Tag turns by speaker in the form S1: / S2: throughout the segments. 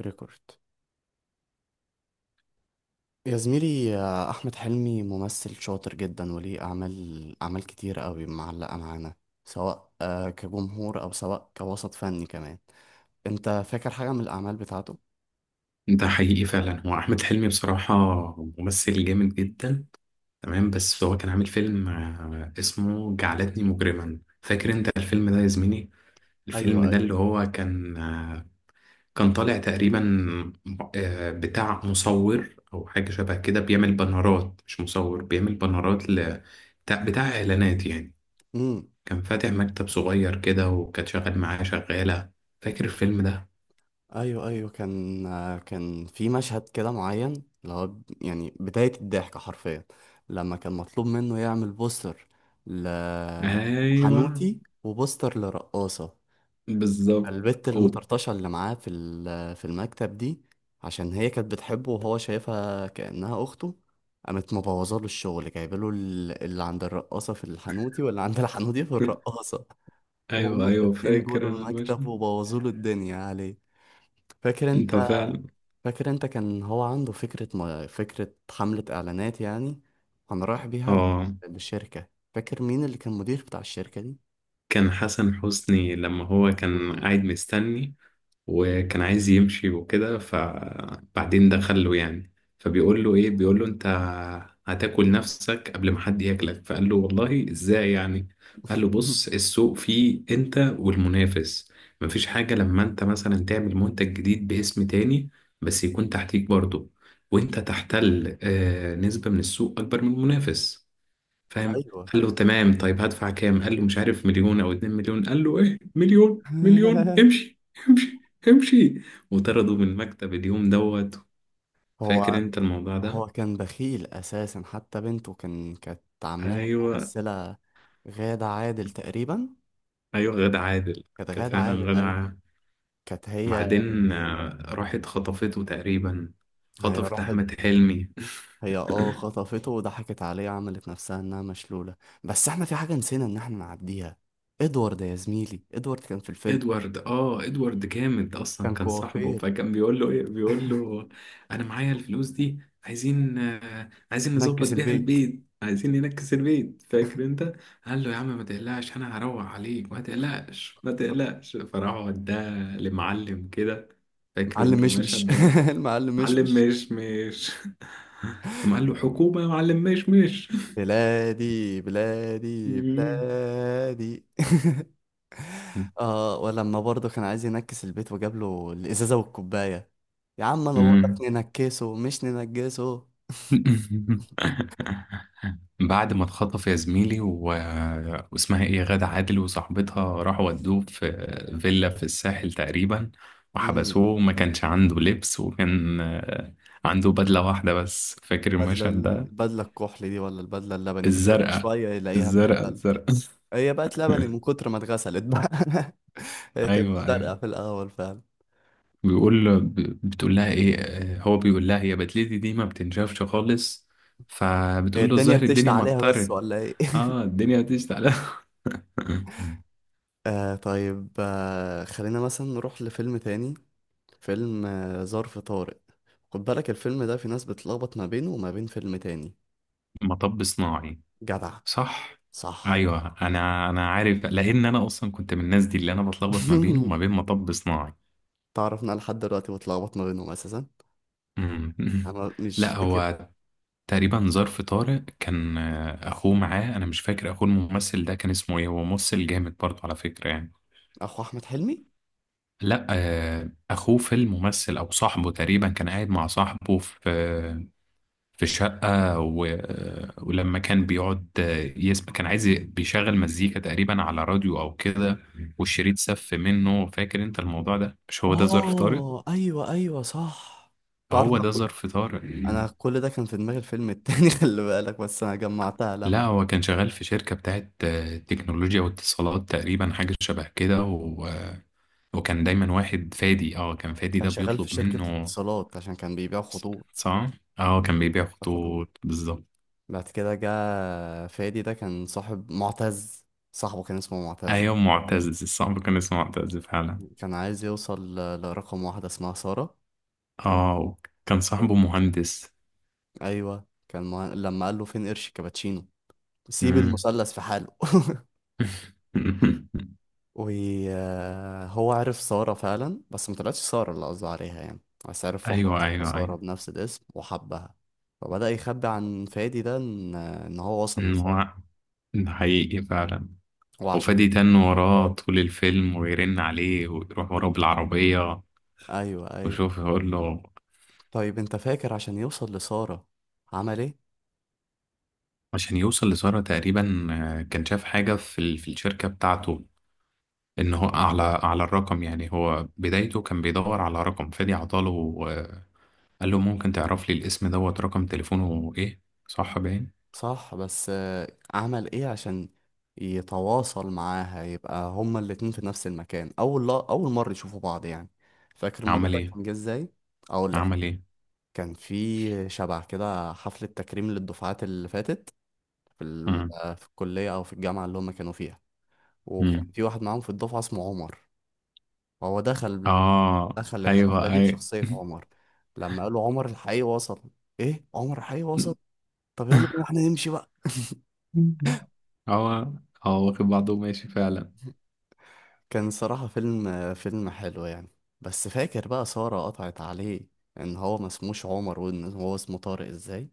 S1: ريكورد، يا زميلي. أحمد حلمي ممثل شاطر جدا وليه أعمال كتير قوي معلقة معانا، سواء كجمهور أو سواء كوسط فني كمان. أنت فاكر حاجة من الأعمال بتاعته؟
S2: ده حقيقي فعلا. هو احمد حلمي بصراحه ممثل جامد جدا. تمام، بس هو كان عامل فيلم اسمه جعلتني مجرما. فاكر انت الفيلم ده يا زميلي؟
S1: ايوه،
S2: الفيلم ده اللي
S1: ايوه.
S2: هو كان كان طالع تقريبا بتاع مصور او حاجه شبه كده، بيعمل بانرات. مش مصور، بيعمل بانرات بتاع اعلانات يعني.
S1: امم.
S2: كان فاتح مكتب صغير كده، وكان شغال معاه شغاله. فاكر الفيلم ده؟
S1: ايوه، ايوه، كان في مشهد كده معين، اللي هو يعني بداية الضحك حرفيا، لما كان مطلوب منه يعمل بوستر
S2: ايوه،
S1: لحنوتي وبوستر لرقاصة.
S2: بالظبط.
S1: البت
S2: أوه.
S1: المطرطشة اللي معاه في المكتب دي، عشان هي كانت بتحبه وهو شايفها كأنها أخته، قامت مبوظة له الشغل، جايبله اللي عند الرقاصة في الحنوتي واللي عند الحنوتي في الرقاصة.
S2: ايوه،
S1: وهما
S2: ايوه،
S1: الاتنين
S2: فاكر
S1: جولوا
S2: انا
S1: المكتب
S2: المشهد.
S1: وبوظوا له الدنيا عليه. فاكر
S2: انت
S1: انت
S2: فعلا.
S1: فاكر انت كان هو عنده فكرة ما فكرة حملة إعلانات يعني، كان رايح بيها
S2: اه،
S1: للشركة. فاكر مين اللي كان مدير بتاع الشركة دي؟
S2: كان حسن حسني. لما هو كان
S1: مم.
S2: قاعد مستني وكان عايز يمشي وكده، فبعدين دخل له يعني. فبيقول له ايه؟ بيقول له انت هتاكل نفسك قبل ما حد ياكلك. فقال له والله ازاي يعني؟ قال له بص، السوق فيه انت والمنافس، مفيش حاجة. لما انت مثلا تعمل منتج جديد باسم تاني، بس يكون تحتيك برضه، وانت تحتل نسبة من السوق اكبر من المنافس. فاهم؟
S1: أيوه.
S2: قال له تمام، طيب هدفع كام؟ قال له مش عارف، 1 مليون او 2 مليون. قال له ايه؟ 1 مليون؟ 1 مليون امشي! امشي، امشي. وطرده من المكتب اليوم دوت.
S1: هو
S2: فاكر انت الموضوع
S1: هو
S2: ده؟
S1: كان بخيل اساسا، حتى بنته كانت عاملاها
S2: ايوه،
S1: ممثله، غادة عادل تقريبا.
S2: ايوه، غادة عادل.
S1: كانت
S2: كانت
S1: غادة
S2: فعلا
S1: عادل،
S2: غادة
S1: ايوه.
S2: عادل.
S1: كانت هي.
S2: بعدين راحت خطفته تقريبا.
S1: هي
S2: خطفت
S1: راحت.
S2: احمد حلمي.
S1: هي خطفته وضحكت عليه، عملت نفسها انها مشلوله. بس احنا في حاجه نسينا ان احنا نعديها. ادوارد يا زميلي، ادوارد كان في الفيلم.
S2: ادوارد. اه، ادوارد جامد اصلا.
S1: كان
S2: كان صاحبه،
S1: كوافير.
S2: فكان بيقول له ايه؟ بيقول له انا معايا الفلوس دي، عايزين عايزين نظبط
S1: نكس
S2: بيها
S1: البيت.
S2: البيت، عايزين ننكس البيت. فاكر انت؟ قال له يا عم ما تقلقش، انا هروق عليك، ما تقلقش ما تقلقش. فراح وداه لمعلم كده. فاكر
S1: معلم
S2: انت
S1: مشمش.
S2: المشهد ده؟
S1: المعلم
S2: معلم
S1: مشمش.
S2: مش مش. قام قال له حكومة يا معلم مش مش.
S1: بلادي بلادي
S2: مم.
S1: بلادي. اه، ولما برضه كان عايز ينكس البيت وجاب له الازازه والكوبايه، يا عم انا بقول لك
S2: مم.
S1: ننكسه مش ننجسه.
S2: بعد ما اتخطف يا زميلي واسمها ايه، غادة عادل وصاحبتها، راحوا ودوه في فيلا في الساحل تقريبا.
S1: امم.
S2: وحبسوه وما كانش عنده لبس، وكان عنده بدلة واحدة بس. فاكر
S1: بدله
S2: المشهد ده؟
S1: البدله الكحل دي ولا البدله اللبني اللي كل
S2: الزرقاء.
S1: شويه يلاقيها
S2: الزرقاء
S1: بتتبل؟
S2: الزرقاء
S1: هي بقت لبني من كتر ما اتغسلت بقى. هي كانت
S2: ايوه، ايوه.
S1: زرقاء في الاول فعلا.
S2: بتقول لها ايه؟ هو بيقول لها: هي بدلتي دي ما بتنشفش خالص.
S1: هي
S2: فبتقول له
S1: الدنيا
S2: الظاهر
S1: بتشتي
S2: الدنيا
S1: عليها بس
S2: مطرت.
S1: ولا ايه؟
S2: اه، الدنيا هتشتعل.
S1: طيب، خلينا مثلا نروح لفيلم تاني، فيلم ظرف طارق. خد بالك، الفيلم ده في ناس بتلخبط ما بينه وما بين فيلم تاني.
S2: مطب صناعي.
S1: جدع.
S2: صح.
S1: صح.
S2: ايوه، انا عارف، لان انا اصلا كنت من الناس دي اللي انا بتلخبط ما بينه وما بين مطب صناعي.
S1: تعرف إن انا لحد دلوقتي بتلخبط ما بينهم اساسا.
S2: أمم.
S1: انا مش
S2: لا،
S1: فاكر.
S2: هو تقريبا ظرف طارق كان اخوه معاه. انا مش فاكر اخوه الممثل ده كان اسمه ايه، هو ممثل جامد برضه على فكرة يعني.
S1: اخو احمد حلمي.
S2: لا اخوه في الممثل او صاحبه تقريبا. كان قاعد مع صاحبه في في الشقة ولما كان بيقعد يسمع، كان عايز بيشغل مزيكا تقريبا على راديو أو كده، والشريط سف منه. فاكر أنت الموضوع ده؟ مش هو ده ظرف طارق؟
S1: اه، ايوه ايوه، صح. تعرف،
S2: هو
S1: انا
S2: ده ظرف طارق.
S1: أنا كل ده كان في دماغي الفيلم التاني. خلي بالك، بس انا جمعتها لما
S2: لا، هو كان شغال في شركة بتاعت تكنولوجيا واتصالات تقريبا، حاجة شبه كده وكان دايما واحد فادي. اه، كان فادي
S1: كان
S2: ده
S1: شغال في
S2: بيطلب
S1: شركة
S2: منه.
S1: اتصالات عشان كان بيبيع خطوط.
S2: صح؟ اه، كان بيبيع
S1: خطوط.
S2: خطوط بالظبط.
S1: بعد كده جه. فادي ده كان صاحب معتز، صاحبه كان اسمه معتز.
S2: ايوه، معتز الصعب، كان اسمه معتز فعلا.
S1: كان عايز يوصل لرقم واحدة اسمها سارة. تمام.
S2: اه، كان صاحبه مهندس.
S1: أيوة، لما قال له فين قرش كابتشينو سيب
S2: مم.
S1: المثلث في حاله. وهو عرف سارة فعلا بس ما طلعتش سارة اللي قصده عليها يعني، بس عرف واحدة
S2: ايوه،
S1: اسمها
S2: ايوه،
S1: سارة
S2: ايوه.
S1: بنفس الاسم وحبها. فبدأ يخبي عن فادي ده إن هو وصل
S2: أمم،
S1: لسارة،
S2: هو ده حقيقي فعلا. وفادي
S1: وعشان.
S2: تن وراه طول الفيلم، ويرن عليه ويروح وراه بالعربية.
S1: أيوة أيوة.
S2: وشوف يقول له.
S1: طيب أنت فاكر عشان يوصل لسارة عمل إيه؟
S2: عشان يوصل لسارة تقريبا كان شاف حاجة في في الشركة بتاعته. ان هو على الرقم يعني. هو بدايته كان بيدور على رقم، فادي عطاله آه، قال له ممكن تعرف لي الاسم دوت، رقم تليفونه ايه؟ صح باين.
S1: صح، بس عمل ايه عشان يتواصل معاها يبقى هما الاتنين في نفس المكان، اول لا اول مرة يشوفوا بعض يعني. فاكر الموضوع
S2: عمل
S1: ده
S2: ايه؟
S1: كان جه ازاي؟ اقول لك.
S2: عمل ايه؟
S1: كان في شبع كده حفلة تكريم للدفعات اللي فاتت، في ال- آه، في الكلية او في الجامعة اللي هما كانوا فيها، وكان
S2: مم.
S1: في واحد معاهم في الدفعة اسمه عمر. وهو دخل
S2: اه،
S1: دخل
S2: ايوه،
S1: الحفلة دي
S2: ايوه.
S1: بشخصية عمر. لما قالوا عمر الحقيقي وصل، ايه، عمر الحقيقي وصل، طب يلا بينا احنا نمشي بقى.
S2: هو، هو واخد بعضه وماشي فعلا.
S1: كان صراحة فيلم حلو يعني. بس فاكر بقى سارة قطعت عليه ان هو ما اسموش عمر وان هو اسمه طارق ازاي.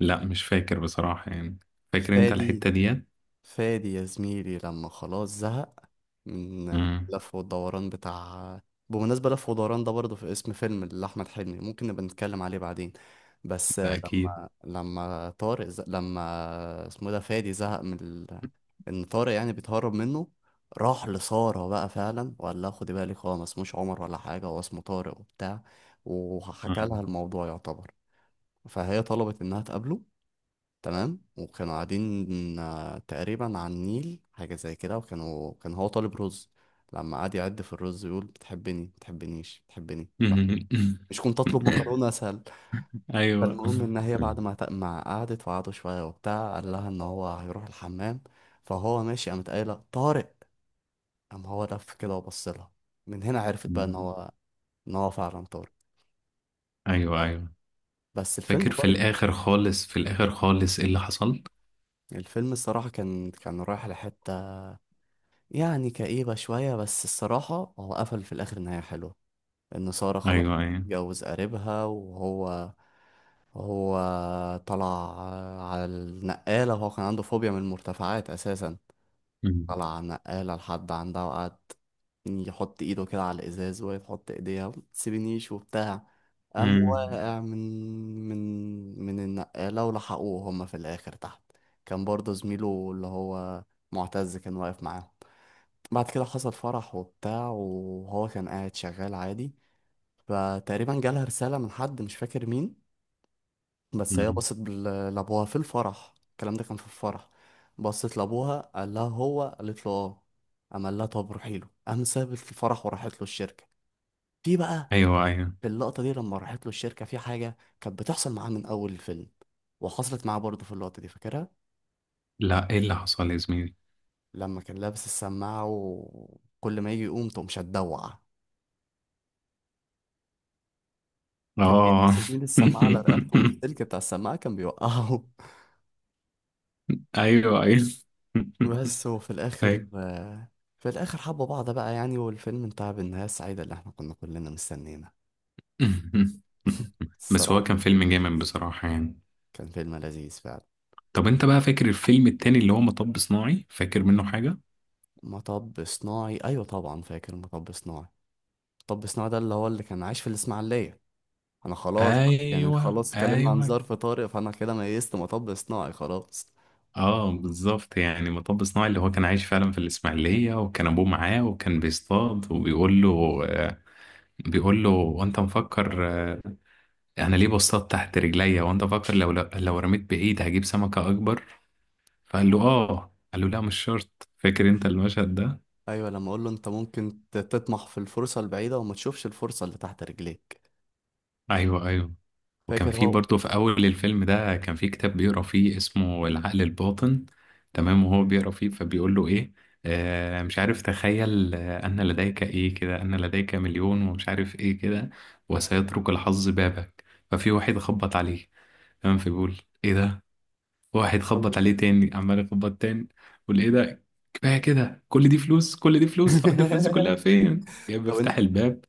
S2: لا، مش فاكر بصراحة يعني. فاكر انت
S1: فادي
S2: الحتة ديت؟
S1: فادي يا زميلي، لما خلاص زهق من
S2: مم.
S1: لف والدوران بتاع. بمناسبة لف ودوران ده، برضه في اسم فيلم لأحمد حلمي ممكن نبقى نتكلم عليه بعدين. بس
S2: ده اكيد.
S1: لما لما اسمه إيه ده، فادي زهق من ال... إن طارق يعني بيتهرب منه. راح لسارة بقى فعلا وقال لها خدي بالك هو ما اسموش عمر ولا حاجة، هو اسمه طارق وبتاع، وحكى لها
S2: مم.
S1: الموضوع يعتبر. فهي طلبت إنها تقابله. تمام. وكانوا قاعدين تقريبا على النيل حاجة زي كده، كان هو طالب رز. لما قعد يعد في الرز يقول بتحبني بتحبنيش بتحبني بقى، مش كنت اطلب مكرونة اسهل؟
S2: ايوه.
S1: فالمهم ان هي بعد ما قعدت وقعدوا شوية وبتاع قال لها ان هو هيروح الحمام. فهو ماشي قامت قايلة طارق. قام هو لف كده وبص لها. من هنا عرفت بقى ان
S2: مم.
S1: هو ان هو فعلا طارق.
S2: ايوه، ايوه.
S1: بس الفيلم
S2: فاكر في
S1: برضه،
S2: الاخر خالص، في الاخر خالص ايه اللي حصل؟
S1: الفيلم الصراحة كان رايح لحتة يعني كئيبة شوية، بس الصراحة هو قفل في الآخر نهاية حلوة. إن سارة خلاص
S2: ايوه، ايوه.
S1: اتجوز قريبها، وهو هو طلع على النقالة، وهو كان عنده فوبيا من المرتفعات أساسا.
S2: مم.
S1: طلع على النقالة لحد عندها، وقعد يحط إيده كده على الإزاز وهي تحط إيديها متسيبنيش وبتاع، قام
S2: مم.
S1: واقع من النقالة، ولحقوه هما في الآخر تحت. كان برضه زميله اللي هو معتز كان واقف معاه. بعد كده حصل فرح وبتاع وهو كان قاعد شغال عادي، فتقريبا جالها رسالة من حد مش فاكر مين. بس هي
S2: مم.
S1: بصت لأبوها في الفرح، الكلام ده كان في الفرح. بصت لأبوها، قال لها هو؟ قالت له اه. قام قال لها طب روحي له. قام سابت الفرح وراحت له الشركة. في بقى
S2: ايوه، ايوه.
S1: في اللقطة دي لما راحت له الشركة، في حاجة كانت بتحصل معاه من أول الفيلم وحصلت معاه برضه في اللقطة دي، فاكرها؟
S2: لا، ايه اللي حصل يا زميلي؟
S1: لما كان لابس السماعة وكل ما يجي يقوم تقوم شدوع، كان بيلبس
S2: اه.
S1: يا زميلي السماعة على رقبته والسلك بتاع السماعة كان بيوقعه.
S2: ايوه، ايوه.
S1: بس وفي الآخر،
S2: ايوه.
S1: في الآخر حبوا بعض بقى يعني، والفيلم انتهى بالنهاية السعيدة اللي احنا كنا كلنا مستنينا.
S2: بس
S1: الصراحة
S2: هو كان
S1: كان
S2: فيلم
S1: فيلم
S2: جامد
S1: لذيذ،
S2: بصراحة يعني.
S1: كان فيلم لذيذ فعلا.
S2: طب انت بقى فاكر الفيلم التاني اللي هو مطب صناعي؟ فاكر منه حاجة؟
S1: مطب صناعي، أيوة طبعا فاكر مطب صناعي. مطب صناعي ده اللي كان عايش في الإسماعيلية. أنا خلاص بقى يعني،
S2: ايوه،
S1: خلاص اتكلمنا عن
S2: ايوه.
S1: ظرف طارئ، فأنا كده ميزت مطب صناعي خلاص.
S2: اه، بالظبط يعني. مطب صناعي اللي هو كان عايش فعلا في الاسماعيلية، وكان ابوه معاه وكان بيصطاد وبيقول له بيقول له وانت مفكر انا ليه بصطاد تحت رجليا، وانت مفكر لو لو رميت بعيد هجيب سمكة اكبر؟ فقال له اه. قال له لا، مش شرط. فاكر انت المشهد ده؟
S1: أيوة، لما أقول له أنت ممكن تطمح في الفرصة البعيدة وما تشوفش الفرصة اللي تحت رجليك.
S2: ايوه، ايوه. وكان
S1: فاكر
S2: في
S1: هو.
S2: برضه في أول الفيلم ده كان في كتاب بيقرأ فيه اسمه العقل الباطن. تمام، وهو بيقرأ فيه فبيقول له إيه. آه، مش عارف، تخيل أن لديك إيه كده، أن لديك 1 مليون، ومش عارف إيه كده، وسيترك الحظ بابك. ففي واحد خبط عليه. تمام، فبيقول إيه ده. واحد خبط
S1: قصدي-
S2: عليه تاني، عمال يخبط تاني. يقول إيه ده، كفاية كده، كل دي فلوس، كل دي فلوس، هقعد الفلوس دي كلها فين؟ جاي
S1: طب
S2: بفتح
S1: انت
S2: الباب،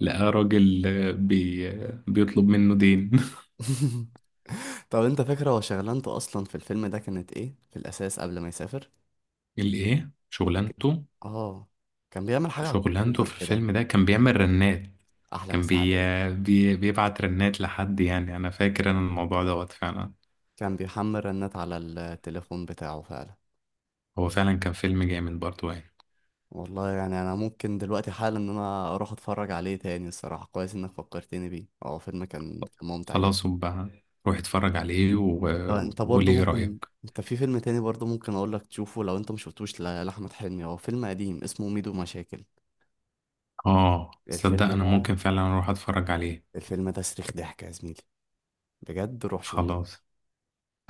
S2: لقى راجل آه، بي... آه، بيطلب منه دين.
S1: طب انت فاكر هو شغلانته اصلا في الفيلم ده كانت ايه في الاساس قبل ما يسافر؟
S2: الايه
S1: فاكر-
S2: شغلانته؟
S1: اه، كان بيعمل حاجه على
S2: شغلانته
S1: الكمبيوتر
S2: في
S1: كده.
S2: الفيلم ده كان بيعمل رنات.
S1: احلى
S2: كان
S1: مسا عليه.
S2: بيبعت رنات لحد يعني. انا فاكر انا الموضوع دوت فعلا.
S1: كان بيحمل رنات على التليفون بتاعه فعلا.
S2: هو فعلا كان فيلم جامد برضه يعني.
S1: والله يعني انا ممكن دلوقتي حالا ان انا اروح اتفرج عليه تاني، الصراحه كويس انك فكرتني بيه، اه، فيلم كان ممتع جدا.
S2: خلاص. وبقى روح اتفرج عليه،
S1: انت انت
S2: وقولي
S1: برضه
S2: ايه رأيك.
S1: ممكن، انت في فيلم تاني برضه ممكن اقول لك تشوفه لو انت مش شفتوش لاحمد حلمي، هو فيلم قديم اسمه ميدو مشاكل.
S2: اه، تصدق
S1: الفيلم
S2: انا
S1: ده
S2: ممكن فعلا اروح اتفرج عليه.
S1: الفيلم ده صريخ ضحك يا زميلي. بجد روح شوف.
S2: خلاص،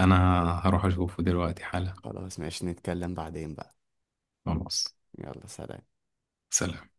S2: انا هروح اشوفه دلوقتي حالا.
S1: خلاص، ماشي، نتكلم بعدين بقى.
S2: خلاص.
S1: يلا، سلام.
S2: سلام.